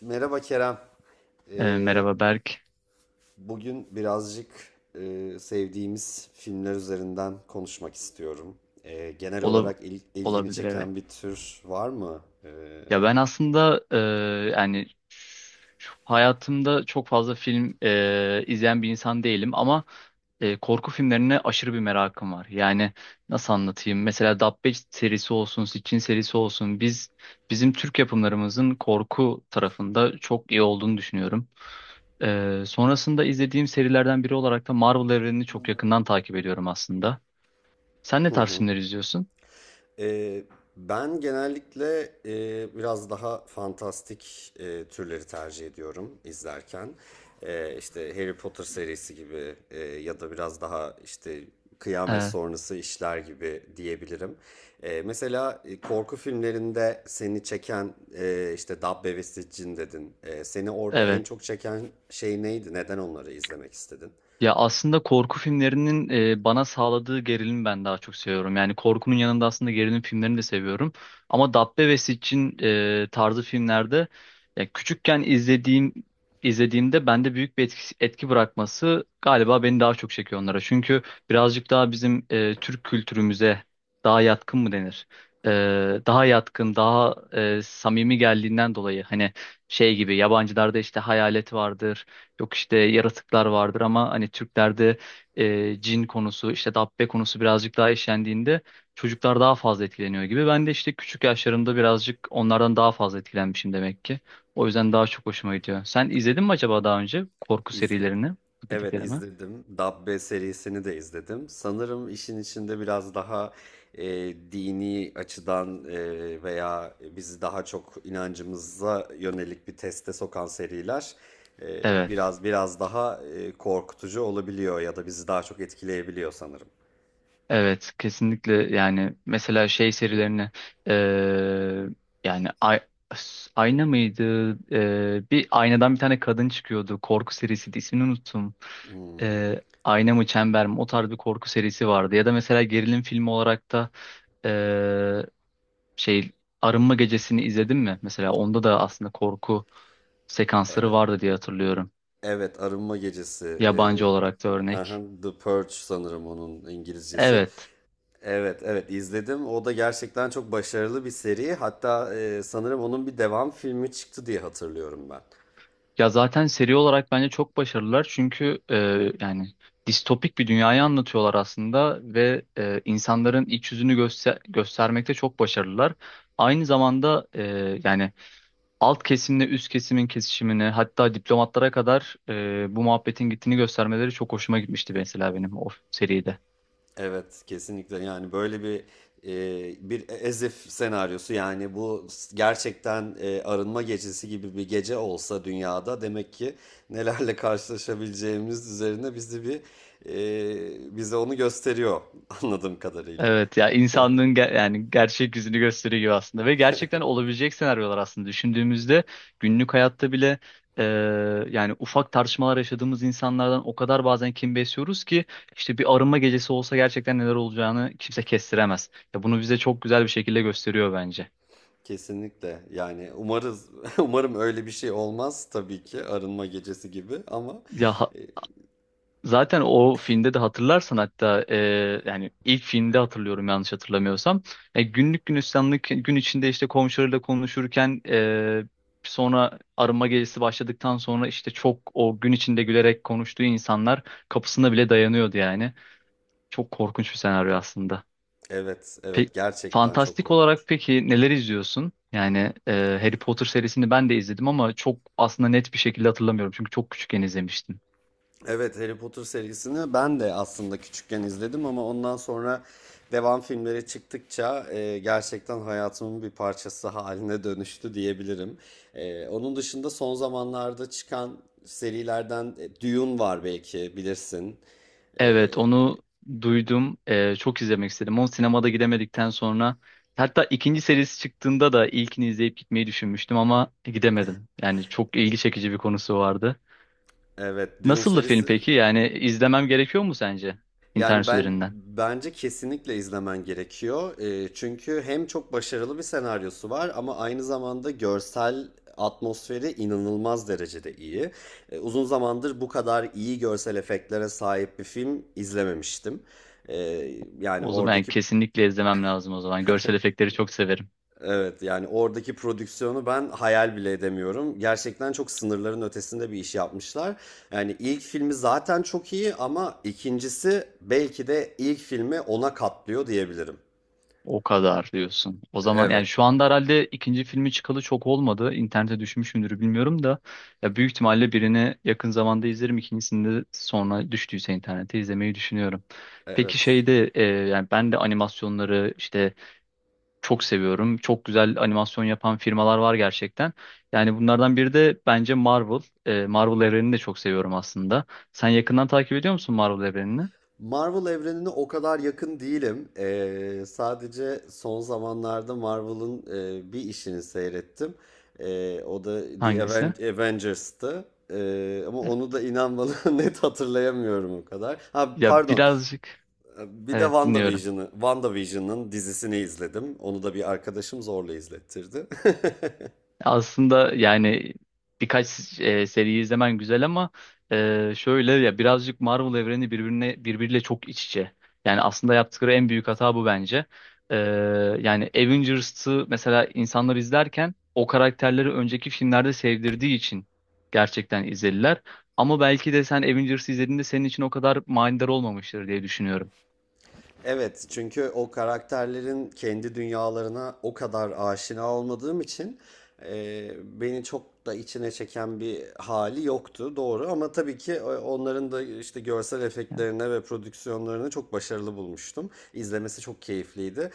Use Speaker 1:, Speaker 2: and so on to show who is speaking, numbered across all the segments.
Speaker 1: Merhaba Kerem. Ee,
Speaker 2: Merhaba Berk.
Speaker 1: Bugün birazcık sevdiğimiz filmler üzerinden konuşmak istiyorum. Genel
Speaker 2: Ola-
Speaker 1: olarak ilgini
Speaker 2: Olabilir, evet.
Speaker 1: çeken bir tür var mı?
Speaker 2: Ya ben aslında yani hayatımda çok fazla film izleyen bir insan değilim, ama korku filmlerine aşırı bir merakım var. Yani nasıl anlatayım? Mesela Dabbe serisi olsun, Sitchin serisi olsun. Bizim Türk yapımlarımızın korku tarafında çok iyi olduğunu düşünüyorum. Sonrasında izlediğim serilerden biri olarak da Marvel evrenini çok yakından takip ediyorum aslında. Sen ne tarz filmler izliyorsun?
Speaker 1: Eee, Ben genellikle biraz daha fantastik türleri tercih ediyorum izlerken. İşte Harry Potter serisi gibi ya da biraz daha işte kıyamet
Speaker 2: E,
Speaker 1: sonrası işler gibi diyebilirim. Mesela korku filmlerinde seni çeken işte Dabbe ve Siccin dedin. Seni orada en
Speaker 2: evet.
Speaker 1: çok çeken şey neydi? Neden onları izlemek istedin?
Speaker 2: Ya aslında korku filmlerinin bana sağladığı gerilimi ben daha çok seviyorum. Yani korkunun yanında aslında gerilim filmlerini de seviyorum. Ama Dabbe ve Siccin tarzı filmlerde, ya küçükken izlediğimde bende büyük bir etki bırakması galiba beni daha çok çekiyor onlara. Çünkü birazcık daha bizim Türk kültürümüze daha yatkın mı denir? E, Daha yatkın, daha samimi geldiğinden dolayı, hani şey gibi, yabancılarda işte hayalet vardır, yok işte yaratıklar vardır, ama hani Türklerde cin konusu, işte dabbe konusu birazcık daha işlendiğinde çocuklar daha fazla etkileniyor gibi. Ben de işte küçük yaşlarımda birazcık onlardan daha fazla etkilenmişim demek ki. O yüzden daha çok hoşuma gidiyor. Sen izledin mi acaba daha önce korku
Speaker 1: İzledim.
Speaker 2: serilerini? Bu
Speaker 1: Evet,
Speaker 2: dediklerime.
Speaker 1: izledim. Dabbe serisini de izledim. Sanırım işin içinde biraz daha e, dini açıdan veya bizi daha çok inancımıza yönelik bir teste sokan seriler biraz daha korkutucu olabiliyor ya da bizi daha çok etkileyebiliyor sanırım.
Speaker 2: Evet, kesinlikle. Yani mesela şey serilerini, eee, yani ayna mıydı? Bir aynadan bir tane kadın çıkıyordu, korku serisiydi, ismini unuttum. Ayna mı, çember mi, o tarz bir korku serisi vardı. Ya da mesela gerilim filmi olarak da eee, şey, Arınma Gecesi'ni izledin mi? Mesela onda da aslında korku sekansları
Speaker 1: Evet.
Speaker 2: vardı diye hatırlıyorum,
Speaker 1: Evet, Arınma Gecesi.
Speaker 2: yabancı olarak da
Speaker 1: Hı hı,
Speaker 2: örnek.
Speaker 1: The Purge sanırım onun İngilizcesi.
Speaker 2: Evet.
Speaker 1: Evet, evet, izledim. O da gerçekten çok başarılı bir seri. Hatta sanırım onun bir devam filmi çıktı diye hatırlıyorum ben.
Speaker 2: Ya zaten seri olarak bence çok başarılılar, çünkü yani distopik bir dünyayı anlatıyorlar aslında ve insanların iç yüzünü göstermekte çok başarılılar. Aynı zamanda yani alt kesimle üst kesimin kesişimini, hatta diplomatlara kadar bu muhabbetin gittiğini göstermeleri çok hoşuma gitmişti, mesela benim o seride.
Speaker 1: Evet, kesinlikle. Yani böyle bir bir Ezif senaryosu, yani gerçekten arınma gecesi gibi bir gece olsa dünyada demek ki nelerle karşılaşabileceğimiz üzerine bizi bir bize onu gösteriyor anladığım kadarıyla.
Speaker 2: Evet, ya insanlığın yani gerçek yüzünü gösteriyor gibi aslında ve gerçekten olabilecek senaryolar aslında, düşündüğümüzde günlük hayatta bile e, yani ufak tartışmalar yaşadığımız insanlardan o kadar bazen kin besliyoruz ki, işte bir arınma gecesi olsa gerçekten neler olacağını kimse kestiremez. Ya bunu bize çok güzel bir şekilde gösteriyor bence.
Speaker 1: Kesinlikle. Yani umarız umarım öyle bir şey olmaz tabii ki arınma gecesi gibi, ama
Speaker 2: Ya,
Speaker 1: e,
Speaker 2: zaten o filmde de hatırlarsan hatta, yani ilk filmde hatırlıyorum, yanlış hatırlamıyorsam. Günlük günistanlık gün içinde işte komşularıyla konuşurken, sonra arınma gecesi başladıktan sonra işte çok, o gün içinde gülerek konuştuğu insanlar kapısına bile dayanıyordu yani. Çok korkunç bir senaryo aslında.
Speaker 1: evet,
Speaker 2: Pe
Speaker 1: evet, gerçekten çok
Speaker 2: Fantastik
Speaker 1: korkunç.
Speaker 2: olarak peki neler izliyorsun? Yani Harry Potter serisini ben de izledim ama çok aslında net bir şekilde hatırlamıyorum, çünkü çok küçükken izlemiştim.
Speaker 1: Evet, Harry Potter serisini ben de aslında küçükken izledim, ama ondan sonra devam filmleri çıktıkça gerçekten hayatımın bir parçası haline dönüştü diyebilirim. Onun dışında son zamanlarda çıkan serilerden Dune var, belki bilirsin.
Speaker 2: Evet, onu duydum. Çok izlemek istedim. Onu sinemada gidemedikten sonra, hatta ikinci serisi çıktığında da ilkini izleyip gitmeyi düşünmüştüm ama gidemedim. Yani çok ilgi çekici bir konusu vardı.
Speaker 1: Evet, Dune
Speaker 2: Nasıldı film
Speaker 1: serisi.
Speaker 2: peki? Yani izlemem gerekiyor mu sence
Speaker 1: Yani
Speaker 2: internet
Speaker 1: ben,
Speaker 2: üzerinden?
Speaker 1: bence kesinlikle izlemen gerekiyor. Çünkü hem çok başarılı bir senaryosu var ama aynı zamanda görsel atmosferi inanılmaz derecede iyi. Uzun zamandır bu kadar iyi görsel efektlere sahip bir film izlememiştim. Ee, yani
Speaker 2: O zaman yani
Speaker 1: oradaki
Speaker 2: kesinlikle izlemem lazım o zaman. Görsel efektleri çok severim.
Speaker 1: Evet, yani oradaki prodüksiyonu ben hayal bile edemiyorum. Gerçekten çok sınırların ötesinde bir iş yapmışlar. Yani ilk filmi zaten çok iyi ama ikincisi belki de ilk filmi ona katlıyor diyebilirim.
Speaker 2: O kadar diyorsun. O zaman
Speaker 1: Evet,
Speaker 2: yani şu anda herhalde ikinci filmi çıkalı çok olmadı. İnternete düşmüş müdür bilmiyorum da, ya büyük ihtimalle birini yakın zamanda izlerim. İkincisini de sonra düştüyse internete izlemeyi düşünüyorum. Peki
Speaker 1: evet.
Speaker 2: şeyde, yani ben de animasyonları işte çok seviyorum. Çok güzel animasyon yapan firmalar var gerçekten. Yani bunlardan biri de bence Marvel. Marvel evrenini de çok seviyorum aslında. Sen yakından takip ediyor musun Marvel evrenini?
Speaker 1: Marvel evrenine o kadar yakın değilim. Sadece son zamanlarda Marvel'ın bir işini seyrettim. O da
Speaker 2: Hangisi?
Speaker 1: Avengers'tı. Ama
Speaker 2: E,
Speaker 1: onu da inan bana net hatırlayamıyorum o kadar. Ha,
Speaker 2: Ya,
Speaker 1: pardon.
Speaker 2: birazcık,
Speaker 1: Bir de
Speaker 2: evet, dinliyorum.
Speaker 1: WandaVision'ı, WandaVision'ın dizisini izledim. Onu da bir arkadaşım zorla izlettirdi.
Speaker 2: Aslında yani birkaç seri izlemen güzel ama şöyle, ya birazcık Marvel evreni birbirine birbiriyle çok iç içe. Yani aslında yaptıkları en büyük hata bu bence. E, Yani Avengers'ı mesela insanlar izlerken, o karakterleri önceki filmlerde sevdirdiği için gerçekten izlediler. Ama belki de sen Avengers'ı izlediğinde senin için o kadar manidar olmamıştır diye düşünüyorum.
Speaker 1: Evet, çünkü o karakterlerin kendi dünyalarına o kadar aşina olmadığım için beni çok da içine çeken bir hali yoktu, doğru. Ama tabii ki onların da işte görsel efektlerine ve prodüksiyonlarını çok başarılı bulmuştum. İzlemesi çok keyifliydi.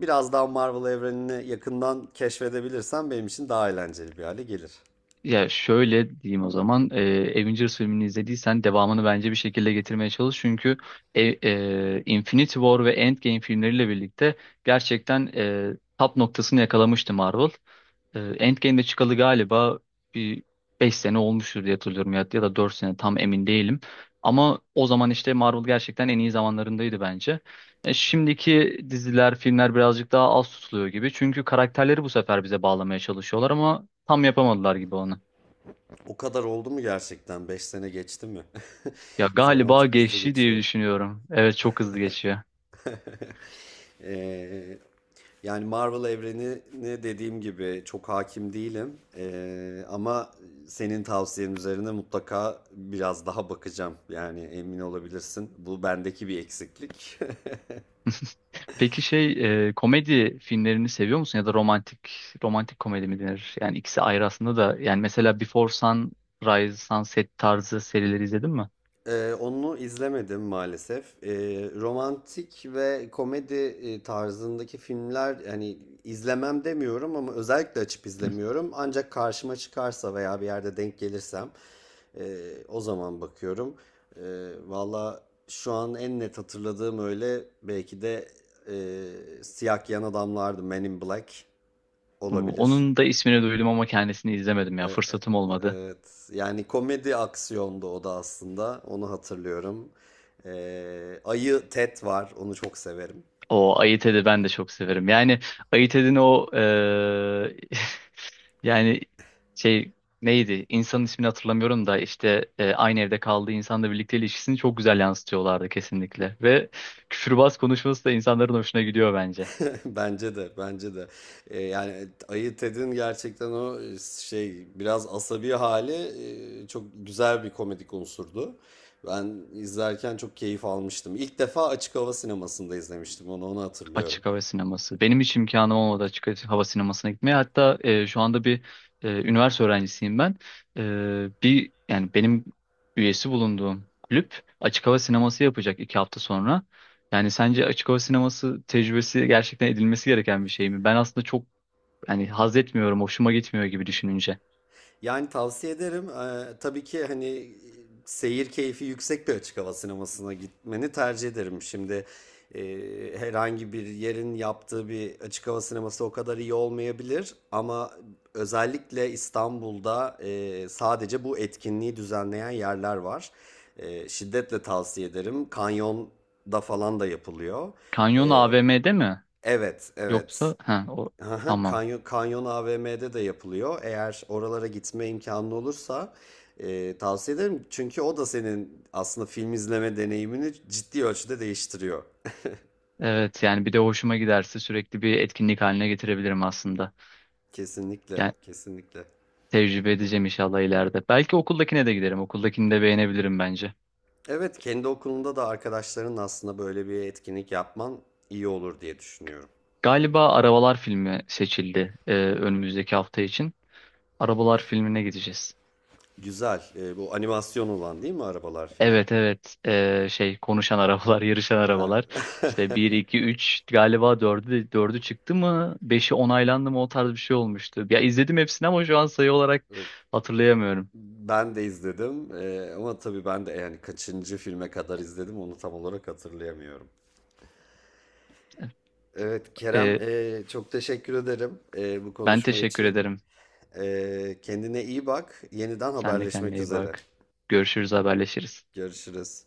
Speaker 1: Biraz daha Marvel evrenini yakından keşfedebilirsem benim için daha eğlenceli bir hale gelir.
Speaker 2: Ya şöyle diyeyim o zaman, Avengers filmini izlediysen devamını bence bir şekilde getirmeye çalış. Çünkü e, Infinity War ve Endgame filmleriyle birlikte gerçekten top noktasını yakalamıştı Marvel. Endgame'de çıkalı galiba bir 5 sene olmuştur diye hatırlıyorum, ya, ya da 4 sene, tam emin değilim. Ama o zaman işte Marvel gerçekten en iyi zamanlarındaydı bence. Şimdiki diziler, filmler birazcık daha az tutuluyor gibi. Çünkü karakterleri bu sefer bize bağlamaya çalışıyorlar ama tam yapamadılar gibi onu.
Speaker 1: O kadar oldu mu gerçekten? 5 sene geçti mi?
Speaker 2: Ya
Speaker 1: Zaman
Speaker 2: galiba
Speaker 1: çok hızlı
Speaker 2: geçti diye
Speaker 1: geçiyor.
Speaker 2: düşünüyorum. Evet, çok hızlı geçiyor.
Speaker 1: Ee, Yani Marvel evrenine dediğim gibi çok hakim değilim. Ama senin tavsiyen üzerine mutlaka biraz daha bakacağım. Yani emin olabilirsin. Bu bendeki bir eksiklik.
Speaker 2: Peki komedi filmlerini seviyor musun, ya da romantik komedi mi denir? Yani ikisi ayrı aslında da, yani mesela Before Sunrise, Sunset tarzı serileri izledin mi?
Speaker 1: Onu izlemedim maalesef. Romantik ve komedi tarzındaki filmler, yani izlemem demiyorum, ama özellikle açıp
Speaker 2: Hı.
Speaker 1: izlemiyorum. Ancak karşıma çıkarsa veya bir yerde denk gelirsem o zaman bakıyorum. Valla şu an en net hatırladığım öyle belki de Siyah Giyen Adamlardı. Men in Black olabilir.
Speaker 2: Onun da ismini duydum ama kendisini izlemedim, ya
Speaker 1: Ee,
Speaker 2: fırsatım olmadı.
Speaker 1: Evet. Yani komedi aksiyondu o da aslında. Onu hatırlıyorum. Ayı Ted var. Onu çok severim.
Speaker 2: O Ayı Ted'i ben de çok severim. Yani Ayı Ted'in o yani şey neydi? İnsanın ismini hatırlamıyorum da işte, aynı evde kaldığı insanla birlikte ilişkisini çok güzel yansıtıyorlardı kesinlikle. Ve küfürbaz konuşması da insanların hoşuna gidiyor bence.
Speaker 1: Bence de. Bence de. Yani Ayı Ted'in gerçekten o biraz asabi hali çok güzel bir komedik unsurdu. Ben izlerken çok keyif almıştım. İlk defa açık hava sinemasında izlemiştim onu. Onu hatırlıyorum.
Speaker 2: Açık hava sineması. Benim hiç imkanım olmadı açık hava sinemasına gitmeye. Hatta, şu anda bir üniversite öğrencisiyim ben. E, Bir, yani benim üyesi bulunduğum kulüp açık hava sineması yapacak 2 hafta sonra. Yani sence açık hava sineması tecrübesi gerçekten edilmesi gereken bir şey mi? Ben aslında çok, yani haz etmiyorum, hoşuma gitmiyor gibi, düşününce.
Speaker 1: Yani tavsiye ederim. Tabii ki hani seyir keyfi yüksek bir açık hava sinemasına gitmeni tercih ederim. Şimdi e, herhangi bir yerin yaptığı bir açık hava sineması o kadar iyi olmayabilir, ama özellikle İstanbul'da sadece bu etkinliği düzenleyen yerler var. Şiddetle tavsiye ederim. Kanyonda falan da yapılıyor.
Speaker 2: Kanyon AVM'de mi?
Speaker 1: Evet, evet.
Speaker 2: Yoksa ha o,
Speaker 1: Aha,
Speaker 2: tamam.
Speaker 1: Kanyon, Kanyon AVM'de de yapılıyor. Eğer oralara gitme imkanı olursa tavsiye ederim. Çünkü o da senin aslında film izleme deneyimini ciddi ölçüde değiştiriyor.
Speaker 2: Evet, yani bir de hoşuma giderse sürekli bir etkinlik haline getirebilirim aslında.
Speaker 1: Kesinlikle,
Speaker 2: Yani
Speaker 1: kesinlikle.
Speaker 2: tecrübe edeceğim inşallah ileride. Belki okuldakine de giderim. Okuldakini de beğenebilirim bence.
Speaker 1: Evet, kendi okulunda da arkadaşların aslında böyle bir etkinlik yapman iyi olur diye düşünüyorum.
Speaker 2: Galiba Arabalar filmi seçildi, önümüzdeki hafta için. Arabalar filmine gideceğiz.
Speaker 1: Güzel. E, bu animasyon olan değil mi Arabalar filmi?
Speaker 2: Evet, evet. Konuşan arabalar, yarışan
Speaker 1: Ha.
Speaker 2: arabalar. İşte bir, iki, üç, galiba dördü çıktı mı, beşi onaylandı mı, o tarz bir şey olmuştu. Ya izledim hepsini ama şu an sayı olarak hatırlayamıyorum.
Speaker 1: Ben de izledim. E, ama tabii ben de yani kaçıncı filme kadar izledim onu tam olarak hatırlayamıyorum. Evet Kerem,
Speaker 2: E,
Speaker 1: çok teşekkür ederim bu
Speaker 2: Ben
Speaker 1: konuşma
Speaker 2: teşekkür
Speaker 1: için.
Speaker 2: ederim.
Speaker 1: Kendine iyi bak. Yeniden
Speaker 2: Sen de kendine
Speaker 1: haberleşmek
Speaker 2: iyi
Speaker 1: üzere.
Speaker 2: bak. Görüşürüz, haberleşiriz.
Speaker 1: Görüşürüz.